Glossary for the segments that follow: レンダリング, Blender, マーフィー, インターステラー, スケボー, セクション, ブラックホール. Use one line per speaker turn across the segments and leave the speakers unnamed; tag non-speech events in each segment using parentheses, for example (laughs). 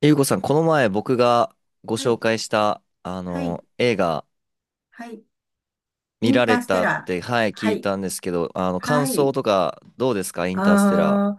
ゆうこさん、この前僕がご
は
紹
い。
介した、
はい。
映画
はい。イ
見
ン
られ
ターステ
たっ
ラー。
て、はい、聞
は
い
い。
たんですけど、感
は
想
い。
とかどうですかインターステラ
あ
ー？
あ、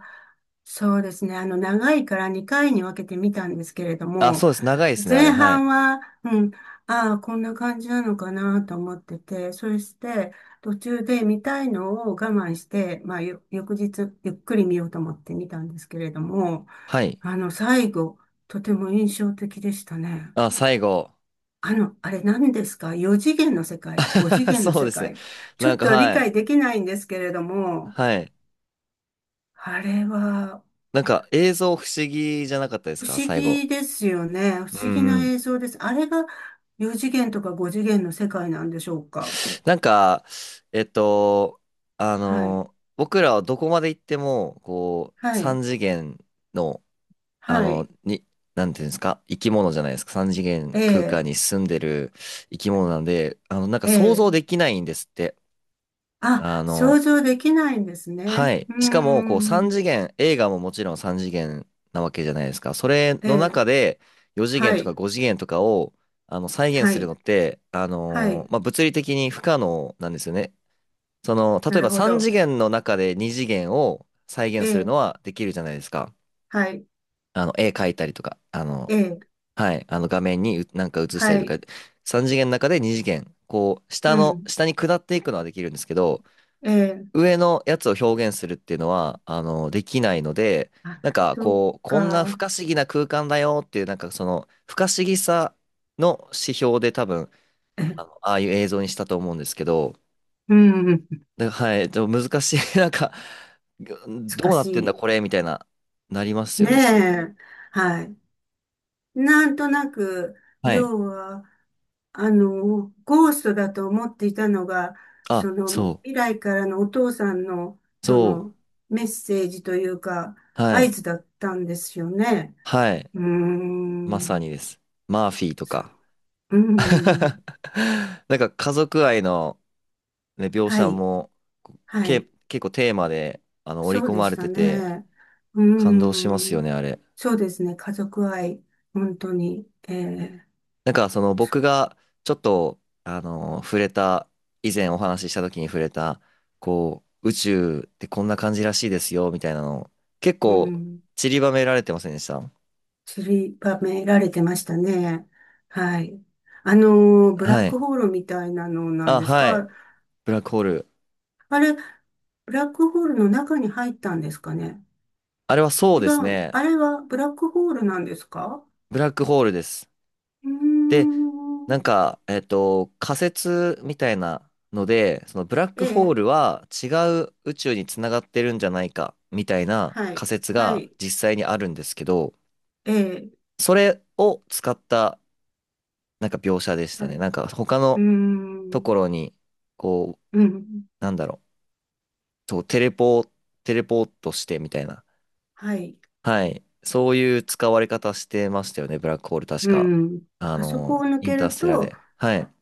そうですね。長いから2回に分けてみたんですけれど
あ、
も、
そうです。長いですね、あれ。
前
はい。
半は、うん、ああ、こんな感じなのかなと思ってて、そして、途中で見たいのを我慢して、まあ、翌日、ゆっくり見ようと思って見たんですけれども、
はい。
あの、最後、とても印象的でしたね。
あ、最後。
あの、あれ何ですか？ 4 次元の世界？ 5 次
(laughs)
元の
そう
世
ですね。
界、ちょ
なん
っ
か、
と理
はい。
解できないんですけれども、
はい。
あれは
なんか、映像不思議じゃなかったです
不
か
思
最後？
議ですよね。不
う
思議
んう
な
ん。
映像です。あれが4次元とか5次元の世界なんでしょうか？
なんか、えっと、
はい。
僕らはどこまで行っても、こう、
はい。
三次元の、あ
は
の、
い。
に、なんていうんですか、生き物じゃないですか。三次元
え
空間
え。
に住んでる生き物なんで、なんか
え
想像
え。
できないんですって。あ
あ、想
の、
像できないんです
は
ね。
い。
うー
しかも、こう、三
ん。
次元、映画ももちろん三次元なわけじゃないですか。それ
え
の
え。
中で、4次
は
元とか
い。
5次元とかを、再現
は
する
い。
のって、あ
は
の
い。
ーまあ、物理的に不可能なんですよね。その、例
な
え
る
ば
ほ
三
ど。
次元の中で二次元を再
え
現する
え。
のはできるじゃないですか。
はい。
絵描いたりとか、
ええ。
はい、画面にうなんか映した
は
りとか、
い。
3次元の中で2次元、こう、下
う
の、
ん。
下に下っていくのはできるんですけど、
ええ。
上のやつを表現するっていうのは、できないので、
あ、
なんか
そう
こう、こんな不
か。
可思議な空間だよっていう、なんかその、不可思議さの指標で多分、
(laughs) え、
ああいう映像にしたと思うんですけど、
うん、
で、はい、でも難しい、(laughs) なんか、ど
難
うなってんだ
し
これみたいな、なります
い。ね
よね。
え。はい。なんとなく、
はい。
要は、あの、ゴーストだと思っていたのが、
あ、
その、
そ
未来からのお父さんの、
う、
そ
そ
の、メッセージというか、
う、は
合
い、
図だったんですよね。
はい。
うー
まさ
ん、
にです。マーフィーと
そう。
か。
う
(laughs)
ん、
なんか家族愛の、ね、描
は
写
い、
も
は
け
い。
結構テーマで織
そ
り
う
込
で
ま
し
れ
た
てて
ね。う
感動します
ー
よ
ん。
ね、あれ。
そうですね。家族愛、本当に、ええ、
なんかその僕がちょっと触れた、以前お話しした時に触れた、こう宇宙ってこんな感じらしいですよみたいなの結
う
構
ん、
散りばめられてませんでした？
散りばめられてましたね。はい。あのー、ブラッ
は
ク
い。
ホールみたいなのなん
あ、
です
はい。
か？
ブラックホール。
あれ、ブラックホールの中に入ったんですかね？
あれはそう
違
です
う。
ね。
あれはブラックホールなんですか？
ブラックホールです。
うー
で、な
ん。
んか、仮説みたいなので、そのブラッ
え
クホー
え、
ルは違う宇宙につながってるんじゃないかみたいな
はい。
仮説
は
が
い。
実際にあるんですけど、
ええ、
それを使ったなんか描写でした
はい。
ね。なんか他
うー
のと
ん。
ころに、こ
う
う、
ん。
なんだろう、そう、テレポートしてみたいな。
はい。
はい。そういう使われ方してましたよね、ブラックホール確
う
か。
ん。あそこを抜
イン
け
ター
る
ステラ
と、
で。はい。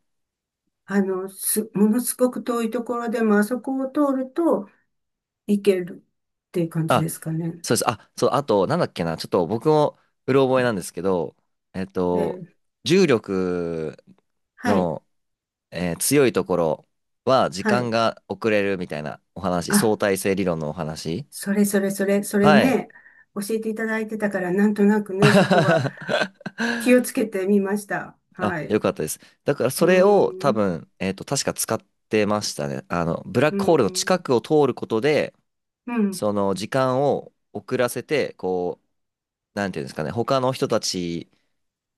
あの、す、ものすごく遠いところでも、あそこを通ると行けるっていう感じ
あ
ですかね。
そうです。あ、そう、あと、なんだっけな、ちょっと僕もうろ覚えなんですけど、えっ
え
と、
ー、
重力
はい、
の、強いところは時
は
間
い。
が遅れるみたいなお話、
あ、
相対性理論のお話。
それそれそれ、それ
はい。
ね、教えていただいてたから、なんとなくね、そこは気
(laughs)
をつけてみました。
あ、
はい。
よ
う
かったです。だから
ー
それを多
ん、
分、確か使ってましたね。ブラッ
うー
クホールの近
ん、
くを通ることで、
うん、
その時間を遅らせて、こう、なんていうんですかね、他の人たち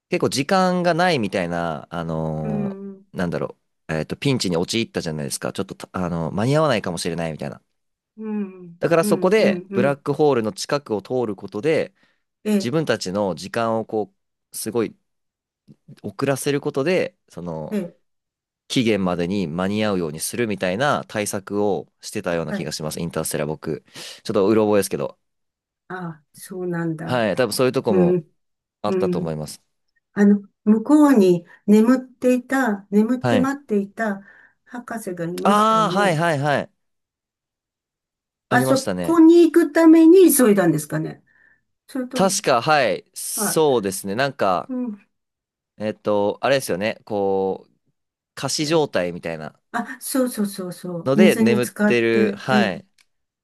結構時間がないみたいな、
う
ー
ん、うん、
なんだろピンチに陥ったじゃないですか。ちょっとた、間に合わないかもしれないみたいな。
うん、
だから
う
そこ
ん、
で、
う
ブラッ
ん。
クホールの近くを通ることで、自
え
分たちの時間をこう、すごい遅らせることで、その、
え、
期限までに間に合うようにするみたいな対策をしてたような
は
気
い。
がします。インターステラー僕。ちょっとうろ覚えですけど。
あ、そうなんだ。
はい。多分そういうとこ
う
も
ん、
あ
う
ったと思い
ん。
ます。
あの、向こうに眠っていた、眠っ
は
て
い。
待っていた博士がいましたよ
ああ、はい
ね。
はいはい。あ
あ
りま
そ
したね。
こに行くために急いだんですかね。それとも、
確か、はい。そう
は
ですね。なん
い。
か、
うん。
あれですよね。こう、仮死
え、
状態みたいな
あ、そうそうそうそう。
ので
水に
眠っ
浸か
て
っ
る。
て、え
は
え、
い。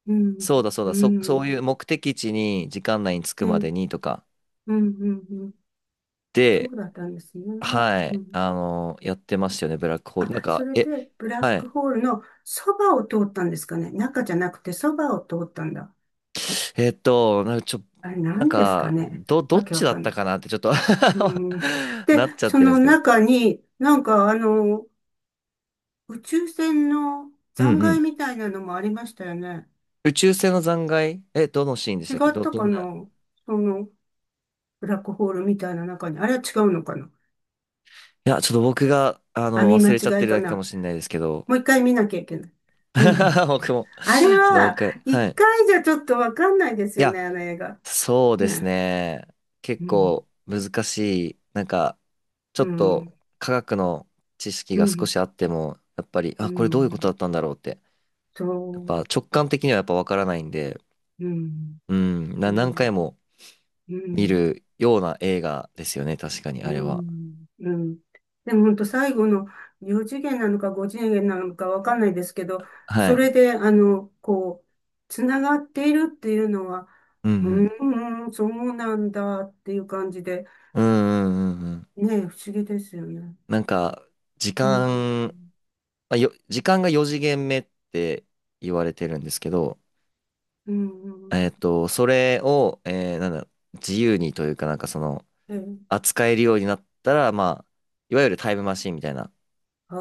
うん、
そうだそう
う
だ。そう
ん、
いう目的地に時間内に着く
ええ、う
まで
ん、
にとか
うん、うん。そ
で、
うだったんですね。
は
う
い。
ん。
やってましたよね。ブラックホー
あ、
ル。なん
そ
か、
れ
え、
で、ブラッ
は
ク
い。
ホールのそばを通ったんですかね。中じゃなくてそばを通ったんだ。
なんかちょ、
あれ、
なん
何ですか
か、
ね。
ど
わ
っ
け
ち
わ
だ
か
っ
ん
た
ない。
かなってちょっと
うん、
(laughs)
で、
なっちゃっ
そ
てるんで
の
すけど。
中に、なんかあの、宇宙船の
う
残
んう
骸
ん。
みたいなのもありましたよね。
宇宙船の残骸え、どのシーンでし
違
たっけ？
った
ど
か
ん
な、
な
その、ブラックホールみたいな中に。あれは違うのかな？
いや、ちょっと僕が、
網間
忘れちゃっ
違
て
い
る
か
だけか
な？
もしれないですけど。
もう一回見なきゃいけない。うん。
(laughs) 僕も。
あれ
ちょっともう一
は、
回。は
一
い。
回じゃちょっとわかんないですよね、あの映画。
そうです
ね。
ね。結
うん。
構難しい。なんか、ちょ
う
っ
ん。
と科学の知識
う
が少し
ん。
あっても、やっぱり、
う
あ、これどういうこと
ん。
だったんだろうって。
そ
やっぱ
う。
直感的にはやっぱわからないんで、
うん。
うん、
う
何
ん。
回も
う
見
ん。
るような映画ですよね。確かに、
う
あれは。
ん、うん。でも本当最後の4次元なのか5次元なのかわかんないですけど、
は
そ
い。
れで、あの、こう、つながっているっていうのは、
うんう
う
ん。
ーん、そうなんだっていう感じで、
うんうんうんうん。
ねえ、不思議ですよね。
なんか、時
うん、
間まあ、よ、時間が4次元目って言われてるんですけど、
うん、
それを、えーなんだ、自由にというかなんかその、
ええ、
扱えるようになったら、まあ、いわゆるタイムマシンみたいな、
ああ、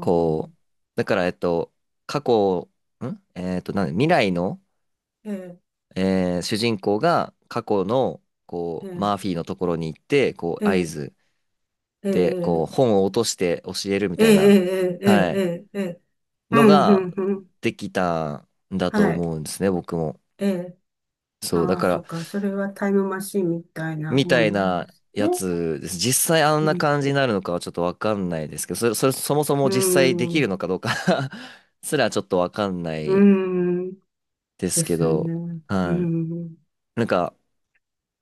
こう、だから、過去、んえっと、なんだ未来の、
ええ、
主人公が過去の、
え
こう、
え、
マーフィーのところに行って、こ
え
う、合
え、
図
え
で、こう、
え、
本を落として教えるみ
え
た
え、
いな、
ええ、え
はい、
え、ええ、う
の
ん、う
が
ん、うん、
できたんだと
はい、
思うんですね、僕も。
ええ。
そう、だ
ああ、
か
そ
ら、
っか。それはタイムマシンみたいな
み
も
た
ん
い
なんで
な
す
や
ね。
つです。実際あん
う
な
ん。
感じになるのかはちょっとわかんないですけど、そもそ
う
も実際できる
ん。
のかどうか (laughs) すらちょっとわかんな
う
い
ん。
です
で
け
すね。
ど、
う
はい。
ん。
なんか、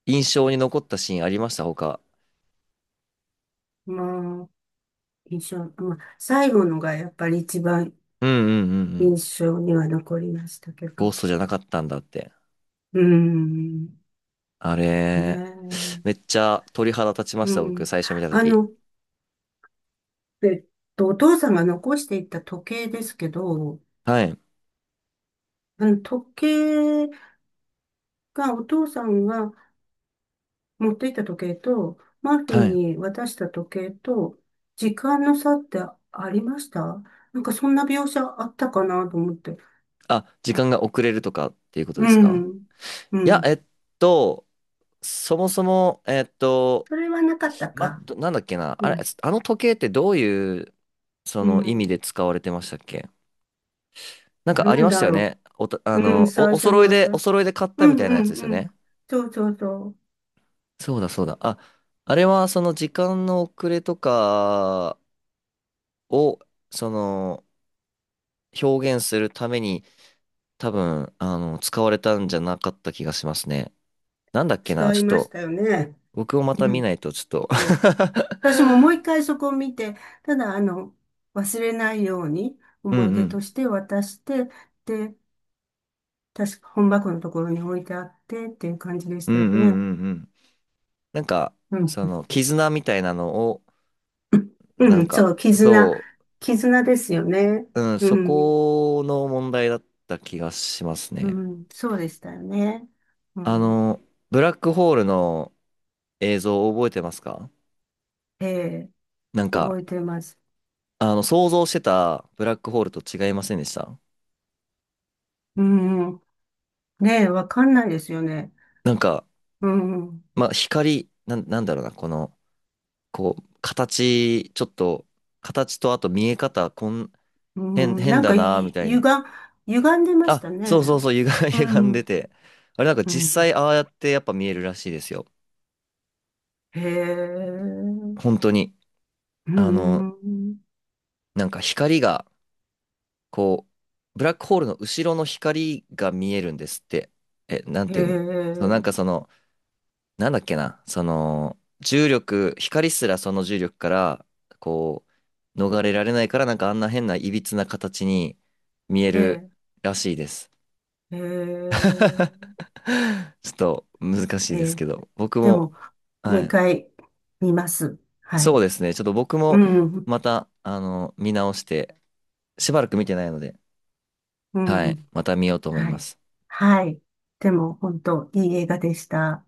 印象に残ったシーンありました他？
まあ、印象、まあ、最後のがやっぱり一番
うんうんうんう
印
ん。
象には残りましたけ
ゴ
ど。
ーストじゃなかったんだって。
うん。
あ
ね
れ、めっ
え。
ちゃ鳥肌立ちま
う
した、僕、
ん。
最初見たと
あ
き。
の、えっと、お父さんが残していった時計ですけど、
はい。
あの、時計がお父さんが持っていった時計と、マーフィ
は
ー
い。
に渡した時計と、時間の差ってありました？なんかそんな描写あったかなと思って。
あ、時間が遅れるとかっていうことで
う
すか？
ん。う
いや、
ん。
と、そもそも、
それはなかったか。
なんだっけな、あ
う
れ、
ん。
あの時計ってどういう、そ
う
の意味
ん。
で使われてましたっけ？なんか
な
あり
ん
まし
だ
たよ
ろ
ね。
う。うん。最
お
初に
揃いで、
渡
お
した。
揃いで買っ
う
たみ
ん
たい
う
なやつ
ん
ですよ
うん。
ね。
そうそうそ
そうだそうだ。あ、あれはその時間の遅れとかを、その、表現するために、多分、使われたんじゃなかった気がしますね。なんだっけな、
う。違
ち
い
ょっ
まし
と、
たよね。
僕をまた
う
見
ん。
ないと、ちょっと
そ
(laughs)
う。私ももう一回そこを見て、ただあの、忘れないように
う
思い
んう
出
ん。
として渡して、で、確か本箱のところに置いてあってっていう感じでし
うん
たよ
う
ね。
んうんうん。なんか、
うん。
その、絆みたいなのを、な
う
ん
ん、そ
か、
う、絆。
そ
絆ですよね。
う、うん、
う
そ
ん。
この問題だった気がします
う
ね。
ん、そうでしたよね。う
あ
ん。
の、ブラックホールの映像を覚えてますか？
ええ、
なん
覚
か、
えてます。
想像してたブラックホールと違いませんでした？
うん。ねえ、わかんないですよね。
なんか、
うん。
まあ、光、なんだろうな、この、こう、形、ちょっと、形とあと見え方、
うん、
変
なん
だ
か
な、み
い、
たい
歪、
に
歪んでました
あ、そうそう
ね。
そう、(laughs)
う
歪んで
ん。
て。あれなんか
う
実際
ん。
ああやってやっぱ見えるらしいですよ。
へえ。
本当に。
う
あの、
ん。
なんか光が、こう、ブラックホールの後ろの光が見えるんですって。え、なん
へ
ていうの、そうなんか
え。
その、なんだっけな、その、重力、光すらその重力から、こう、逃れられないから、なんかあんな変な歪な形に見え
へ
る
え。
らしいです。
へえ。
(laughs) ちょっと難しい
へ
です
え、
けど、僕
で
も、
も、もう
は
一
い、
回見ます。は
そ
い。
うですね。ちょっと僕
う
も
ん、
また、見直して、しばらく見てないので、
う
はい、
ん、
また見ようと思い
は
ま
い。
す。
はい。でも、本当いい映画でした。